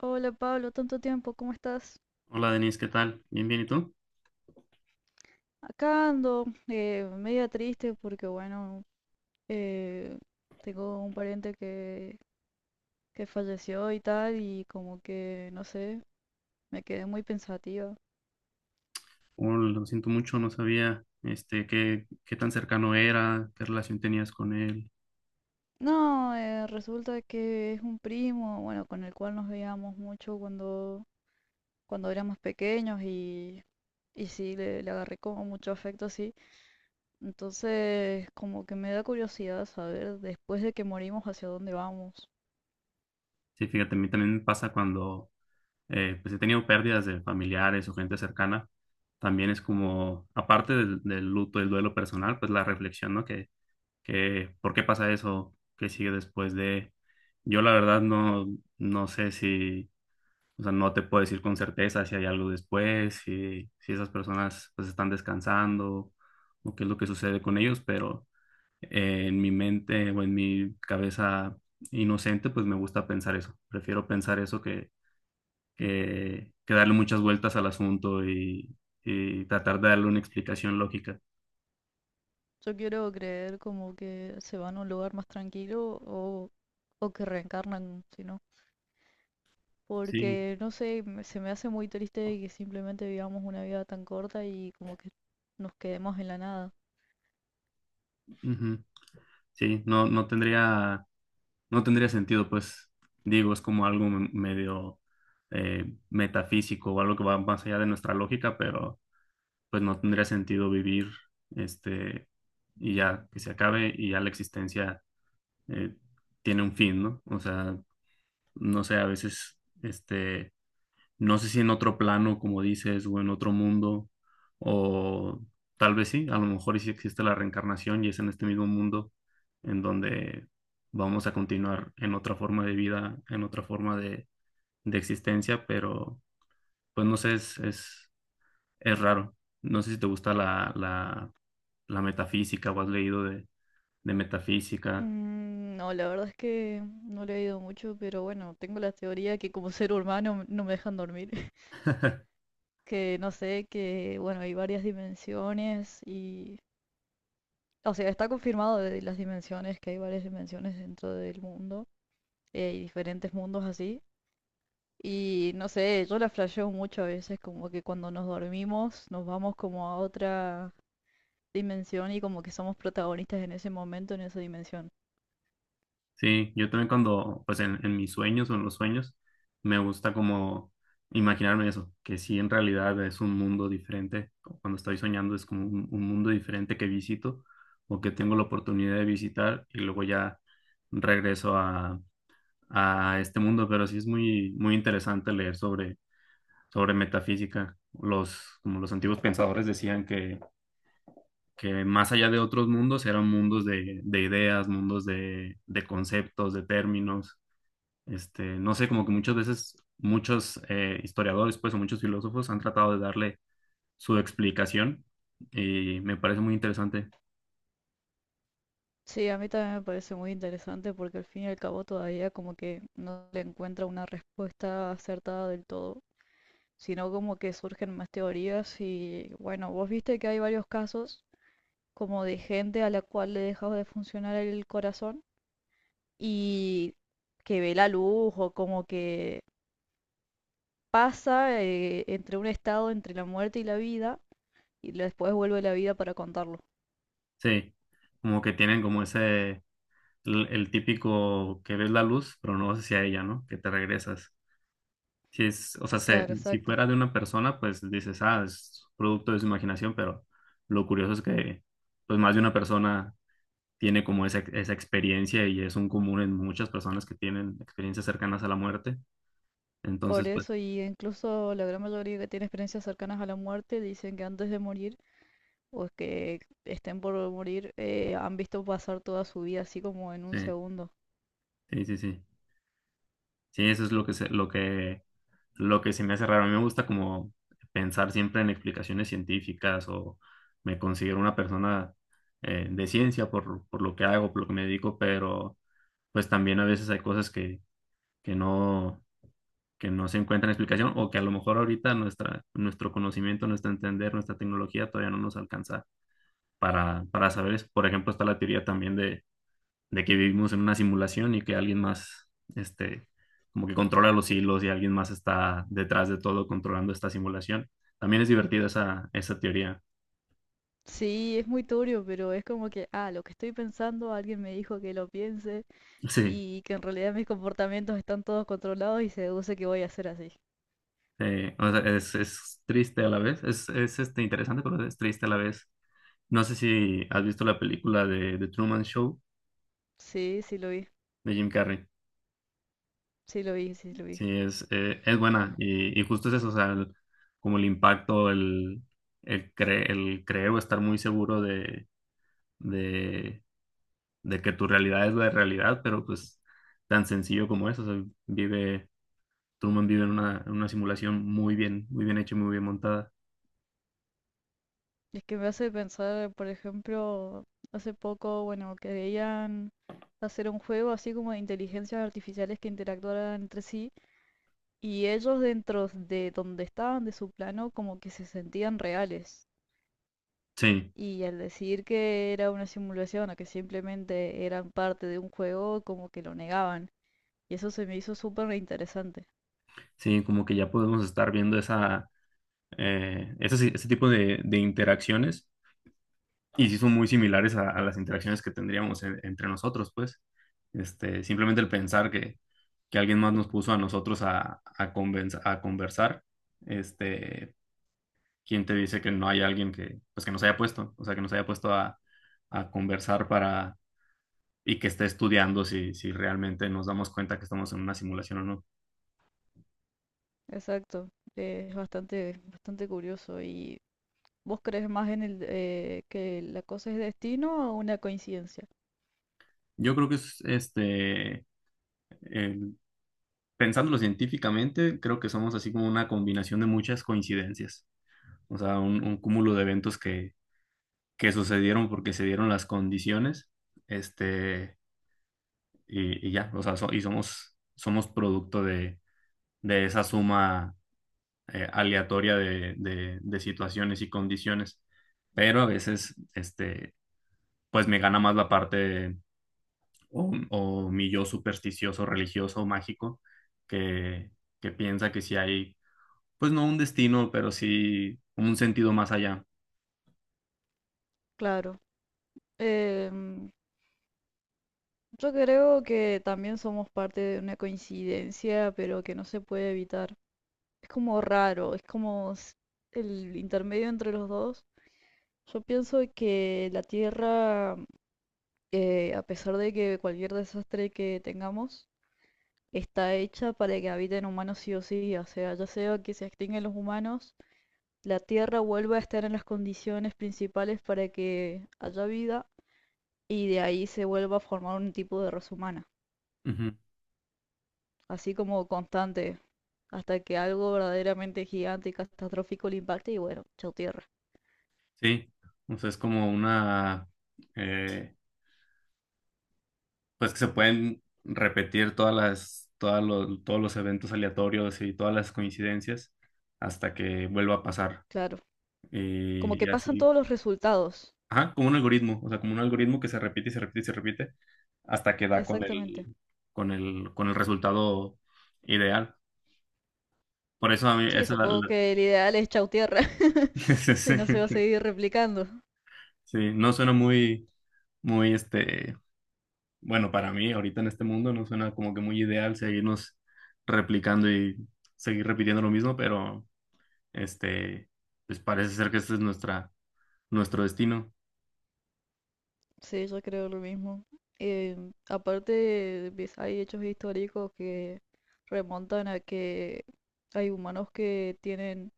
Hola Pablo, tanto tiempo, ¿cómo estás? Hola Denise, ¿qué tal? Bien, bien, ¿y tú? Acá ando, media triste porque bueno, eh, tengo un pariente que falleció y tal y como que, no sé, me quedé muy pensativa. Oh, lo siento mucho, no sabía qué, qué tan cercano era, qué relación tenías con él. No, resulta que es un primo, bueno, con el cual nos veíamos mucho cuando éramos pequeños y sí, le agarré como mucho afecto, sí. Entonces, como que me da curiosidad saber después de que morimos hacia dónde vamos. Sí, fíjate, a mí también me pasa cuando pues he tenido pérdidas de familiares o gente cercana. También es como, aparte del luto, del duelo personal, pues la reflexión, ¿no? ¿Por qué pasa eso? ¿Qué sigue después de? Yo la verdad no sé si. O sea, no te puedo decir con certeza si hay algo después, si esas personas pues están descansando o qué es lo que sucede con ellos, pero en mi mente o en mi cabeza inocente pues me gusta pensar eso. Prefiero pensar eso que darle muchas vueltas al asunto y tratar de darle una explicación lógica. Yo quiero creer como que se van a un lugar más tranquilo o que reencarnan, si no. Sí, Porque, no sé, se me hace muy triste que simplemente vivamos una vida tan corta y como que nos quedemos en la nada. ujú. Sí, no tendría sentido, pues digo, es como algo medio metafísico o algo que va más allá de nuestra lógica, pero pues no tendría sentido vivir este y ya que se acabe y ya la existencia eh, tiene un fin, ¿no? O sea, no sé, a veces no sé si en otro plano, como dices, o en otro mundo, o tal vez sí, a lo mejor y sí existe la reencarnación y es en este mismo mundo en donde vamos a continuar en otra forma de vida, en otra forma de existencia, pero pues no sé, es raro. No sé si te gusta la metafísica o has leído de metafísica. Mm, no, la verdad es que no le he ido mucho, pero bueno, tengo la teoría que como ser humano no me dejan dormir. Que no sé, que bueno, hay varias dimensiones y. O sea, está confirmado de las dimensiones, que hay varias dimensiones dentro del mundo, y diferentes mundos así. Y no sé, yo la flasheo mucho a veces, como que cuando nos dormimos nos vamos como a otra dimensión y como que somos protagonistas en ese momento, en esa dimensión. Sí, yo también cuando, pues en mis sueños o en los sueños, me gusta como imaginarme eso, que sí en realidad es un mundo diferente. Cuando estoy soñando es como un mundo diferente que visito o que tengo la oportunidad de visitar y luego ya regreso a este mundo. Pero sí es muy, muy interesante leer sobre metafísica. Los, como los antiguos pensadores decían que más allá de otros mundos eran mundos de ideas, mundos de conceptos, de términos no sé, como que muchas veces muchos historiadores, pues, o muchos filósofos han tratado de darle su explicación y me parece muy interesante. Sí, a mí también me parece muy interesante porque al fin y al cabo todavía como que no le encuentra una respuesta acertada del todo, sino como que surgen más teorías y bueno, vos viste que hay varios casos como de gente a la cual le dejaba de funcionar el corazón y que ve la luz o como que pasa, entre un estado entre la muerte y la vida y después vuelve a la vida para contarlo. Sí, como que tienen como ese, el típico que ves la luz, pero no vas hacia ella, ¿no? Que te regresas. Si es, o sea, Claro, si exacto. fuera de una persona, pues dices, ah, es producto de su imaginación, pero lo curioso es pues, más de una persona tiene como esa experiencia y es un común en muchas personas que tienen experiencias cercanas a la muerte. Por Entonces, pues, eso y incluso la gran mayoría que tiene experiencias cercanas a la muerte dicen que antes de morir o que estén por morir, han visto pasar toda su vida así como en un sí, segundo. sí, sí, sí. Sí, eso es lo que lo que se me hace raro. A mí me gusta como pensar siempre en explicaciones científicas o me considero una persona de ciencia por lo que hago, por lo que me dedico, pero pues también a veces hay cosas que no, que no se encuentran explicación o que a lo mejor ahorita nuestro conocimiento, nuestro entender, nuestra tecnología todavía no nos alcanza para saber eso. Por ejemplo, está la teoría también de que vivimos en una simulación y que alguien más, este, como que controla los hilos y alguien más está detrás de todo controlando esta simulación. También es divertida esa teoría. Sí, es muy turbio, pero es como que, ah, lo que estoy pensando, alguien me dijo que lo piense Sí, y que en realidad mis comportamientos están todos controlados y se deduce que voy a ser así. O sea, es triste a la vez, interesante, pero es triste a la vez. No sé si has visto la película de The Truman Show Sí, sí lo vi, de Jim Carrey. sí lo vi, sí lo vi. Sí, es buena y justo es eso, o sea, como el impacto, el creo estar muy seguro de de que tu realidad es la realidad, pero pues tan sencillo como eso, o sea, Truman vive en una simulación muy bien hecha y muy bien montada. Es que me hace pensar, por ejemplo, hace poco, bueno, querían hacer un juego así como de inteligencias artificiales que interactuaran entre sí y ellos dentro de donde estaban, de su plano, como que se sentían reales. Sí, Y al decir que era una simulación o que simplemente eran parte de un juego, como que lo negaban. Y eso se me hizo súper interesante. sí, como que ya podemos estar viendo ese tipo de interacciones y sí son muy similares a las interacciones que tendríamos entre nosotros, pues. Este, simplemente el pensar que alguien más nos puso a nosotros a conversar, este, ¿quién te dice que no hay alguien que, pues que nos haya puesto? O sea, que nos haya puesto a conversar para, y que esté estudiando si, si realmente nos damos cuenta que estamos en una simulación o no. Exacto. Es bastante, bastante curioso. Y ¿vos crees más en el que la cosa es destino o una coincidencia? Yo creo que es, este, el- pensándolo científicamente, creo que somos así como una combinación de muchas coincidencias. O sea, un cúmulo de eventos que sucedieron porque se dieron las condiciones, este, y ya, o sea, y somos producto de esa suma aleatoria de situaciones y condiciones, pero a veces, este, pues me gana más la parte o mi yo supersticioso, religioso, mágico, que, que piensa que sí hay, pues no un destino, pero sí un sentido más allá. Claro. Em, yo creo que también somos parte de una coincidencia, pero que no se puede evitar. Es como raro, es como el intermedio entre los dos. Yo pienso que la Tierra, a pesar de que cualquier desastre que tengamos, está hecha para que habiten humanos sí o sí. O sea, ya sea que se extinguen los humanos, la Tierra vuelva a estar en las condiciones principales para que haya vida y de ahí se vuelva a formar un tipo de raza humana, Ujú. así como constante, hasta que algo verdaderamente gigante y catastrófico le impacte y bueno, chao Tierra. Sí, entonces es como una, eh, pues que se pueden repetir todas las, todas los, todos los eventos aleatorios y todas las coincidencias hasta que vuelva a pasar. Claro, Eh, como que y pasan así. todos los resultados, Ajá, como un algoritmo, o sea, como un algoritmo que se repite y se repite y se repite hasta que da exactamente. Con el resultado ideal. Por eso a mí, Sí, supongo que el ideal es chau tierra, sí, sí. si no se va a seguir replicando. Sí, no suena muy, muy, este, bueno, para mí ahorita en este mundo no suena como que muy ideal seguirnos replicando y seguir repitiendo lo mismo, pero, este, pues parece ser que este es nuestro destino. Sí, yo creo lo mismo. Eh, Aparte, hay hechos históricos que remontan a que hay humanos que tienen,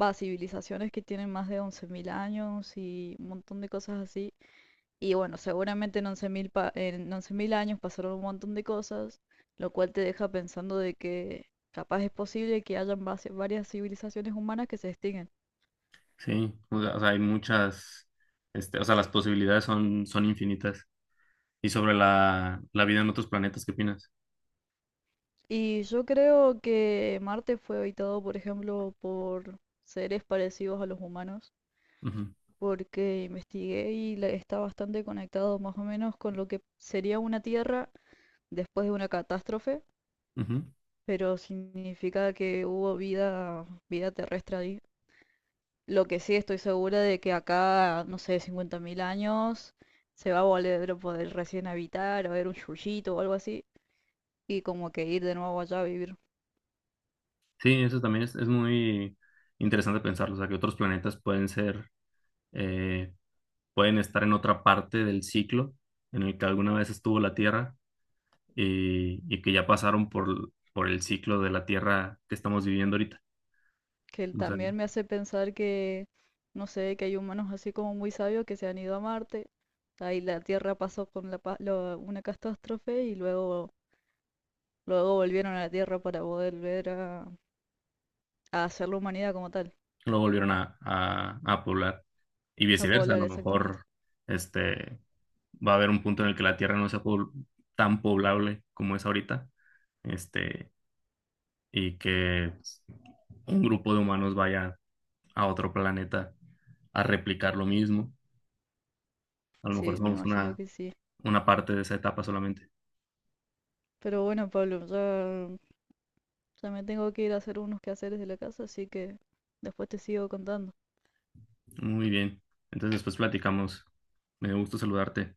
va, civilizaciones que tienen más de 11.000 años y un montón de cosas así. Y bueno, seguramente en 11.000 años pasaron un montón de cosas, lo cual te deja pensando de que capaz es posible que hayan varias civilizaciones humanas que se extinguen. Sí, o sea, hay muchas, este, o sea, las posibilidades son infinitas. Y sobre la vida en otros planetas, ¿qué opinas? Y yo creo que Marte fue habitado, por ejemplo, por seres parecidos a los humanos, Ujú, porque investigué y está bastante conectado más o menos con lo que sería una Tierra después de una catástrofe, ujú. pero significa que hubo vida, vida terrestre ahí. Lo que sí estoy segura de que acá, no sé, 50.000 años se va a volver a poder recién habitar, a ver un yuyito o algo así, y como que ir de nuevo allá a vivir. Sí, eso también es muy interesante pensarlo, o sea, que otros planetas pueden ser, eh, pueden estar en otra parte del ciclo en el que alguna vez estuvo la Tierra y que ya pasaron por el ciclo de la Tierra que estamos viviendo ahorita. Que él O sea, también me hace pensar que, no sé, que hay humanos así como muy sabios que se han ido a Marte, ahí la Tierra pasó con una catástrofe y luego volvieron a la Tierra para poder ver a hacer la humanidad como tal, lo volvieron a poblar. Y a viceversa, a poblar lo exactamente. mejor, este, va a haber un punto en el que la Tierra no sea po- tan poblable como es ahorita, este, y que pues, un grupo de humanos vaya a otro planeta a replicar lo mismo. A lo mejor Sí, me somos imagino que sí. una parte de esa etapa solamente. Pero bueno, Pablo, ya me tengo que ir a hacer unos quehaceres de la casa, así que después te sigo contando. Muy bien. Entonces después platicamos. Me dio gusto saludarte.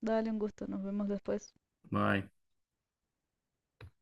Dale un gusto, nos vemos después. Bye.